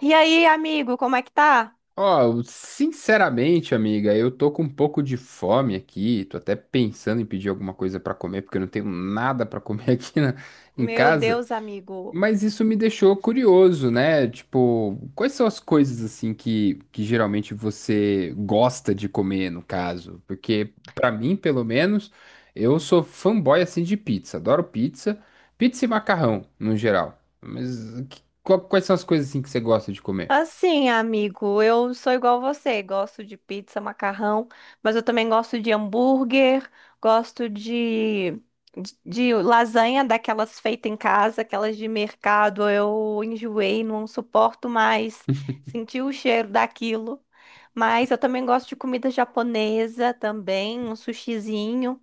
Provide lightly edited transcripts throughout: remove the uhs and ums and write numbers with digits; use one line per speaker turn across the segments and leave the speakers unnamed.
E aí, amigo, como é que tá?
Ó, sinceramente, amiga, eu tô com um pouco de fome aqui. Tô até pensando em pedir alguma coisa pra comer, porque eu não tenho nada pra comer em
Meu
casa.
Deus, amigo.
Mas isso me deixou curioso, né? Tipo, quais são as coisas assim que geralmente você gosta de comer, no caso? Porque pra mim, pelo menos, eu sou fanboy assim de pizza. Adoro pizza, pizza e macarrão, no geral. Mas quais são as coisas assim que você gosta de comer?
Assim, amigo, eu sou igual você, gosto de pizza, macarrão, mas eu também gosto de hambúrguer, gosto de, de lasanha daquelas feitas em casa, aquelas de mercado. Eu enjoei, não suporto mais sentir o cheiro daquilo. Mas eu também gosto de comida japonesa também, um sushizinho.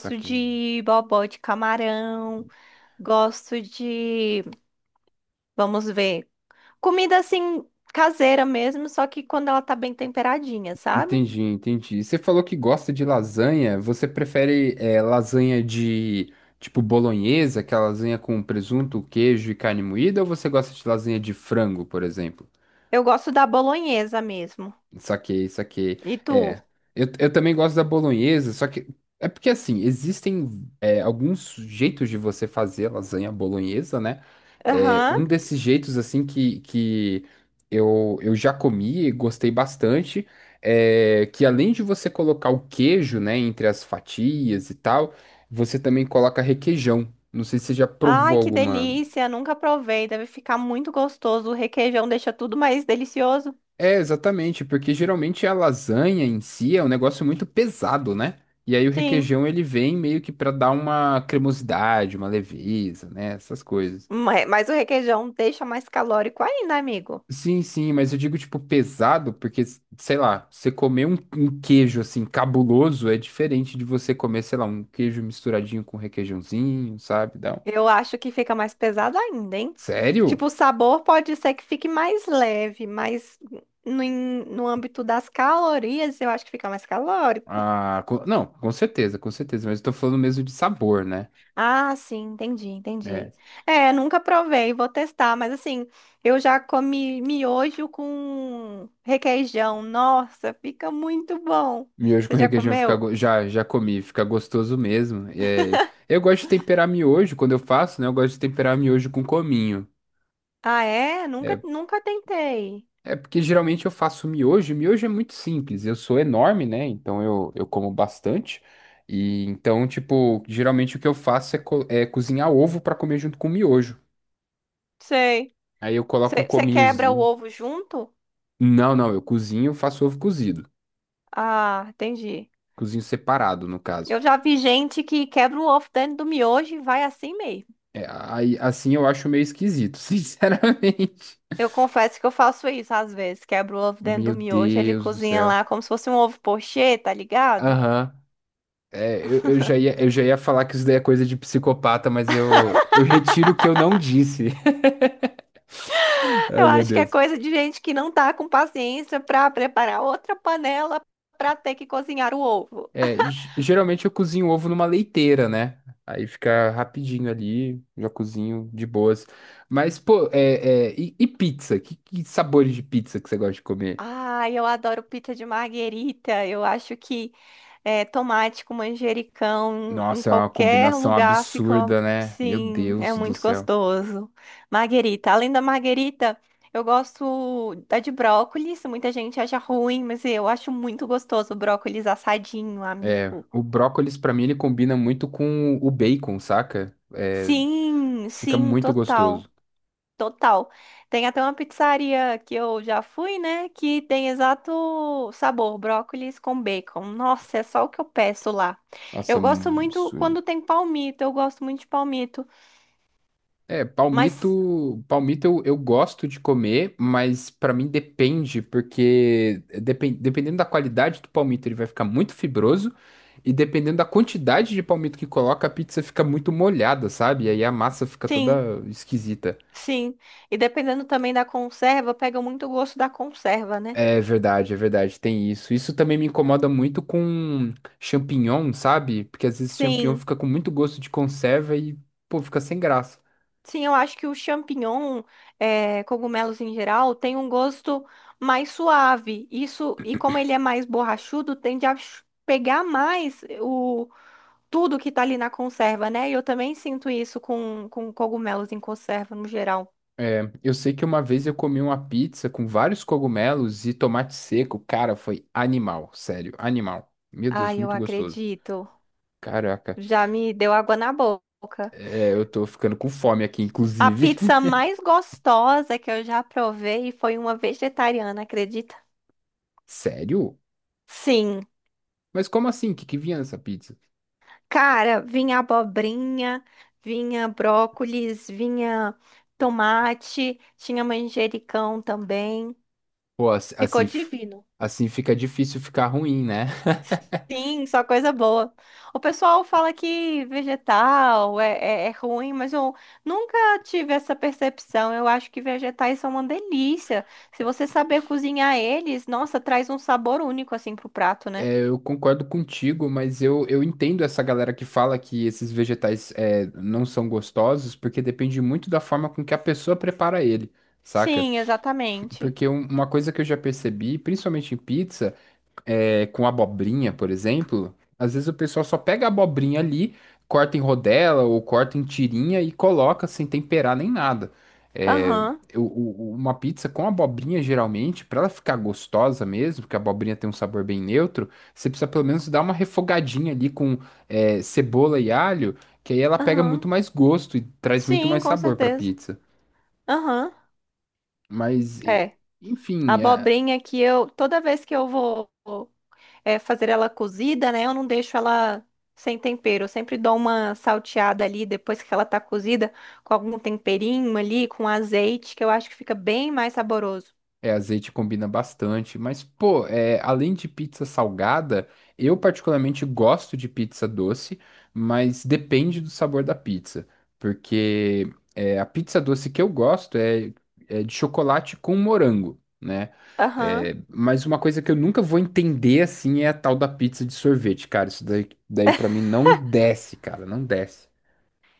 Pra
de bobó de camarão. Gosto de, vamos ver, comida assim caseira mesmo, só que quando ela tá bem temperadinha, sabe?
Entendi, entendi. Você falou que gosta de lasanha. Você prefere lasanha de tipo bolonhesa, que é a lasanha com presunto, queijo e carne moída, ou você gosta de lasanha de frango, por exemplo?
Eu gosto da bolonhesa mesmo.
Saquei, saquei.
E tu?
É, eu também gosto da bolonhesa, só que é porque assim, existem alguns jeitos de você fazer lasanha bolonhesa, né? É,
Aham.
um desses jeitos, assim, que eu já comi e gostei bastante, é que além de você colocar o queijo, né, entre as fatias e tal, você também coloca requeijão. Não sei se você já provou
Ai, que
alguma.
delícia, nunca provei, deve ficar muito gostoso. O requeijão deixa tudo mais delicioso.
É, exatamente, porque geralmente a lasanha em si é um negócio muito pesado, né? E aí o
Sim,
requeijão ele vem meio que pra dar uma cremosidade, uma leveza, né? Essas coisas.
mas o requeijão deixa mais calórico ainda, amigo.
Sim, sim, mas eu digo tipo pesado porque, sei lá, você comer um queijo assim cabuloso é diferente de você comer, sei lá, um queijo misturadinho com requeijãozinho, sabe?
Eu acho que fica mais pesado ainda, hein?
Sério?
Tipo, o sabor pode ser que fique mais leve, mas no, no âmbito das calorias, eu acho que fica mais calórico.
Ah, não, com certeza, mas eu tô falando mesmo de sabor, né?
Ah, sim, entendi,
É.
entendi. É, nunca provei, vou testar, mas assim, eu já comi miojo com requeijão. Nossa, fica muito bom.
Miojo com
Você já
requeijão fica,
comeu?
já comi, fica gostoso mesmo. É, eu gosto de temperar miojo quando eu faço, né? Eu gosto de temperar miojo com cominho.
Ah, é? Nunca,
É,
nunca tentei.
é porque geralmente eu faço miojo, e miojo é muito simples. Eu sou enorme, né? Então eu como bastante. E então, tipo, geralmente o que eu faço é cozinhar ovo para comer junto com miojo.
Sei.
Aí eu coloco um
Você quebra o
cominhozinho.
ovo junto?
Não, não, eu cozinho, faço ovo cozido.
Ah, entendi.
Cozinho separado, no caso.
Eu já vi gente que quebra o ovo dentro do miojo e vai assim mesmo.
É, aí, assim eu acho meio esquisito, sinceramente.
Eu confesso que eu faço isso às vezes. Quebra o ovo dentro
Meu
do miojo, ele
Deus do
cozinha
céu.
lá como se fosse um ovo pochê, tá ligado?
Aham. É, eu já ia falar que isso daí é coisa de psicopata, mas eu retiro o que eu não disse.
Eu
Ai, meu
acho que é
Deus.
coisa de gente que não tá com paciência pra preparar outra panela pra ter que cozinhar o ovo.
É, geralmente eu cozinho ovo numa leiteira, né? Aí fica rapidinho ali, já cozinho de boas. Mas, pô, e pizza? Que sabores de pizza que você gosta de comer?
Ah, eu adoro pizza de marguerita. Eu acho que é, tomate com manjericão em
Nossa, é uma
qualquer
combinação
lugar fica,
absurda, né? Meu
sim, é
Deus do
muito
céu.
gostoso. Marguerita. Além da marguerita, eu gosto da de brócolis. Muita gente acha ruim, mas eu acho muito gostoso o brócolis assadinho,
É,
amigo.
o brócolis, pra mim, ele combina muito com o bacon, saca? É,
Sim,
fica
sim,
muito
total.
gostoso.
Total. Tem até uma pizzaria que eu já fui, né? Que tem exato sabor, brócolis com bacon. Nossa, é só o que eu peço lá.
Nossa, é
Eu gosto
um
muito
absurdo.
quando tem palmito, eu gosto muito de palmito.
É,
Mas
palmito eu gosto de comer, mas pra mim depende, porque dependendo da qualidade do palmito, ele vai ficar muito fibroso, e dependendo da quantidade de palmito que coloca, a pizza fica muito molhada, sabe? E aí a massa fica
sim,
toda esquisita.
sim. E dependendo também da conserva, pega muito o gosto da conserva, né?
É verdade, tem isso. Isso também me incomoda muito com champignon, sabe? Porque às vezes champignon
Sim,
fica com muito gosto de conserva e, pô, fica sem graça.
sim, eu acho que o champignon, é, cogumelos em geral, tem um gosto mais suave. Isso, e como ele é mais borrachudo, tende a pegar mais o tudo que tá ali na conserva, né? E eu também sinto isso com cogumelos em conserva no geral.
É, eu sei que uma vez eu comi uma pizza com vários cogumelos e tomate seco. Cara, foi animal, sério, animal. Meu Deus,
Ai, eu
muito gostoso.
acredito.
Caraca,
Já me deu água na boca.
eu tô ficando com fome aqui,
A
inclusive.
pizza mais gostosa que eu já provei foi uma vegetariana, acredita?
Sério?
Sim.
Mas como assim? O que que vinha nessa pizza?
Cara, vinha abobrinha, vinha brócolis, vinha tomate, tinha manjericão também.
Pô, assim,
Ficou divino.
assim fica difícil ficar ruim, né?
Sim, só coisa boa. O pessoal fala que vegetal é ruim, mas eu nunca tive essa percepção. Eu acho que vegetais são uma delícia. Se você saber cozinhar eles, nossa, traz um sabor único assim pro prato, né?
Eu concordo contigo, mas eu entendo essa galera que fala que esses vegetais não são gostosos, porque depende muito da forma com que a pessoa prepara ele, saca?
Sim, exatamente.
Porque uma coisa que eu já percebi, principalmente em pizza, com abobrinha, por exemplo, às vezes o pessoal só pega a abobrinha ali, corta em rodela ou corta em tirinha e coloca sem temperar nem nada. É,
Aham,
uma pizza com abobrinha, geralmente, para ela ficar gostosa mesmo, porque a abobrinha tem um sabor bem neutro, você precisa pelo menos dar uma refogadinha ali com cebola e alho, que aí ela pega muito
aham.
mais gosto e traz muito
Sim,
mais
com
sabor para
certeza.
pizza.
Aham.
Mas,
É. A
enfim, é.
Abobrinha que eu, toda vez que eu vou é, fazer ela cozida, né? Eu não deixo ela sem tempero. Eu sempre dou uma salteada ali depois que ela tá cozida, com algum temperinho ali, com azeite, que eu acho que fica bem mais saboroso.
É, azeite combina bastante, mas pô, além de pizza salgada, eu particularmente gosto de pizza doce, mas depende do sabor da pizza, porque a pizza doce que eu gosto é de chocolate com morango, né?
Aham.
É, mas uma coisa que eu nunca vou entender assim é a tal da pizza de sorvete, cara. Isso daí, daí para mim não desce, cara, não desce.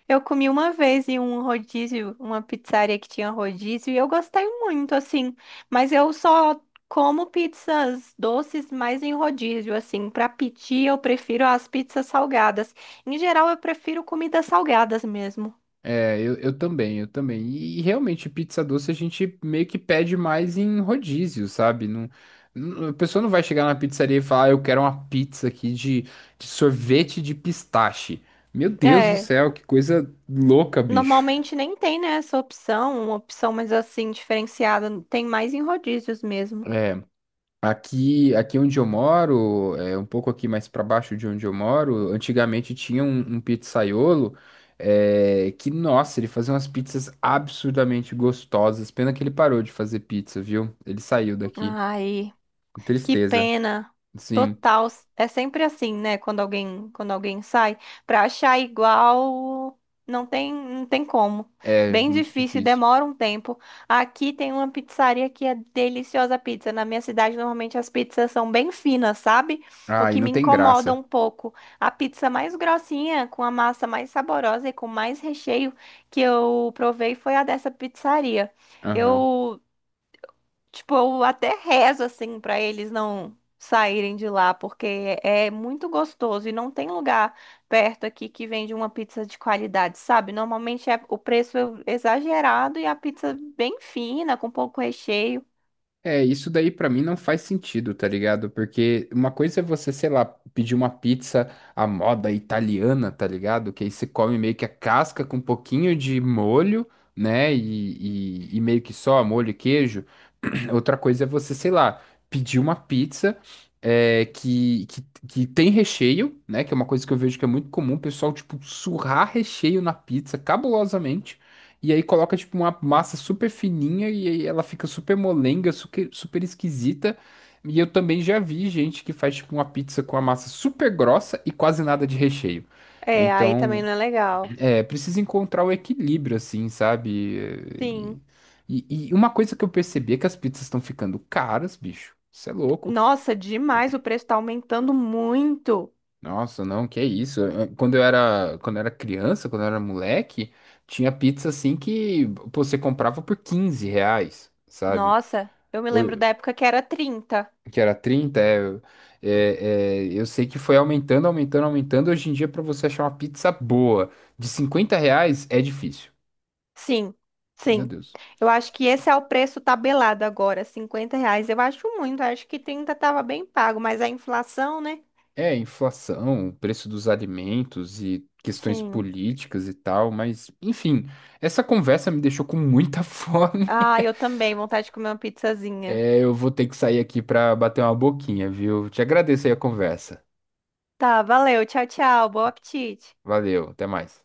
Eu comi uma vez em um rodízio, uma pizzaria que tinha rodízio, e eu gostei muito, assim. Mas eu só como pizzas doces mais em rodízio, assim. Pra pedir, eu prefiro as pizzas salgadas. Em geral, eu prefiro comidas salgadas mesmo.
É, eu também, eu também. E, realmente, pizza doce a gente meio que pede mais em rodízio, sabe? Não, a pessoa não vai chegar na pizzaria e falar, "Ah, eu quero uma pizza aqui de sorvete de pistache." Meu Deus do
É.
céu, que coisa louca, bicho.
Normalmente nem tem, né, essa opção, uma opção mais assim, diferenciada, tem mais em rodízios mesmo.
É. Aqui, onde eu moro, é um pouco aqui mais para baixo de onde eu moro, antigamente tinha um pizzaiolo que, nossa, ele fazia umas pizzas absurdamente gostosas. Pena que ele parou de fazer pizza, viu? Ele saiu daqui.
Ai. Que
Tristeza.
pena.
Sim,
Total. É sempre assim, né? Quando alguém sai, para achar igual, não tem, não tem como.
é
Bem
muito
difícil,
difícil.
demora um tempo. Aqui tem uma pizzaria que é deliciosa a pizza. Na minha cidade, normalmente as pizzas são bem finas, sabe? O
Ah, e
que me
não tem
incomoda
graça.
um pouco. A pizza mais grossinha, com a massa mais saborosa e com mais recheio que eu provei foi a dessa pizzaria.
Aham.
Eu Tipo, eu até rezo assim pra eles não saírem de lá, porque é muito gostoso e não tem lugar perto aqui que vende uma pizza de qualidade, sabe? Normalmente o preço é exagerado e a pizza bem fina, com pouco recheio.
É, isso daí pra mim não faz sentido, tá ligado? Porque uma coisa é você, sei lá, pedir uma pizza à moda italiana, tá ligado? Que aí você come meio que a casca com um pouquinho de molho, né? E meio que só molho e queijo. Outra coisa é você, sei lá, pedir uma pizza é, que, que, que tem recheio, né? Que é uma coisa que eu vejo que é muito comum, o pessoal, tipo, surrar recheio na pizza cabulosamente. E aí coloca tipo uma massa super fininha e aí ela fica super molenga, super, super esquisita. E eu também já vi gente que faz tipo uma pizza com a massa super grossa e quase nada de recheio.
É, aí também
Então,
não é legal.
precisa encontrar o equilíbrio assim, sabe?
Sim.
E, e uma coisa que eu percebi é que as pizzas estão ficando caras, bicho. Isso é louco.
Nossa, demais, o preço tá aumentando muito.
Nossa, não, que é isso? É, quando eu era criança, quando eu era moleque, tinha pizza assim que pô, você comprava por R$ 15, sabe?
Nossa, eu me lembro
o-
da época que era 30.
que era 30, é, eu sei que foi aumentando, aumentando, aumentando. Hoje em dia, para você achar uma pizza boa de R$ 50 é difícil.
Sim,
Meu
sim.
Deus.
Eu acho que esse é o preço tabelado agora, R$ 50. Eu acho muito, acho que 30 estava bem pago, mas a inflação, né?
É, inflação, preço dos alimentos e questões
Sim.
políticas e tal, mas enfim, essa conversa me deixou com muita fome.
Ah, eu também, vontade de comer uma pizzazinha.
É, eu vou ter que sair aqui para bater uma boquinha, viu? Te agradeço aí a conversa.
Tá, valeu, tchau, tchau, bom apetite.
Valeu, até mais.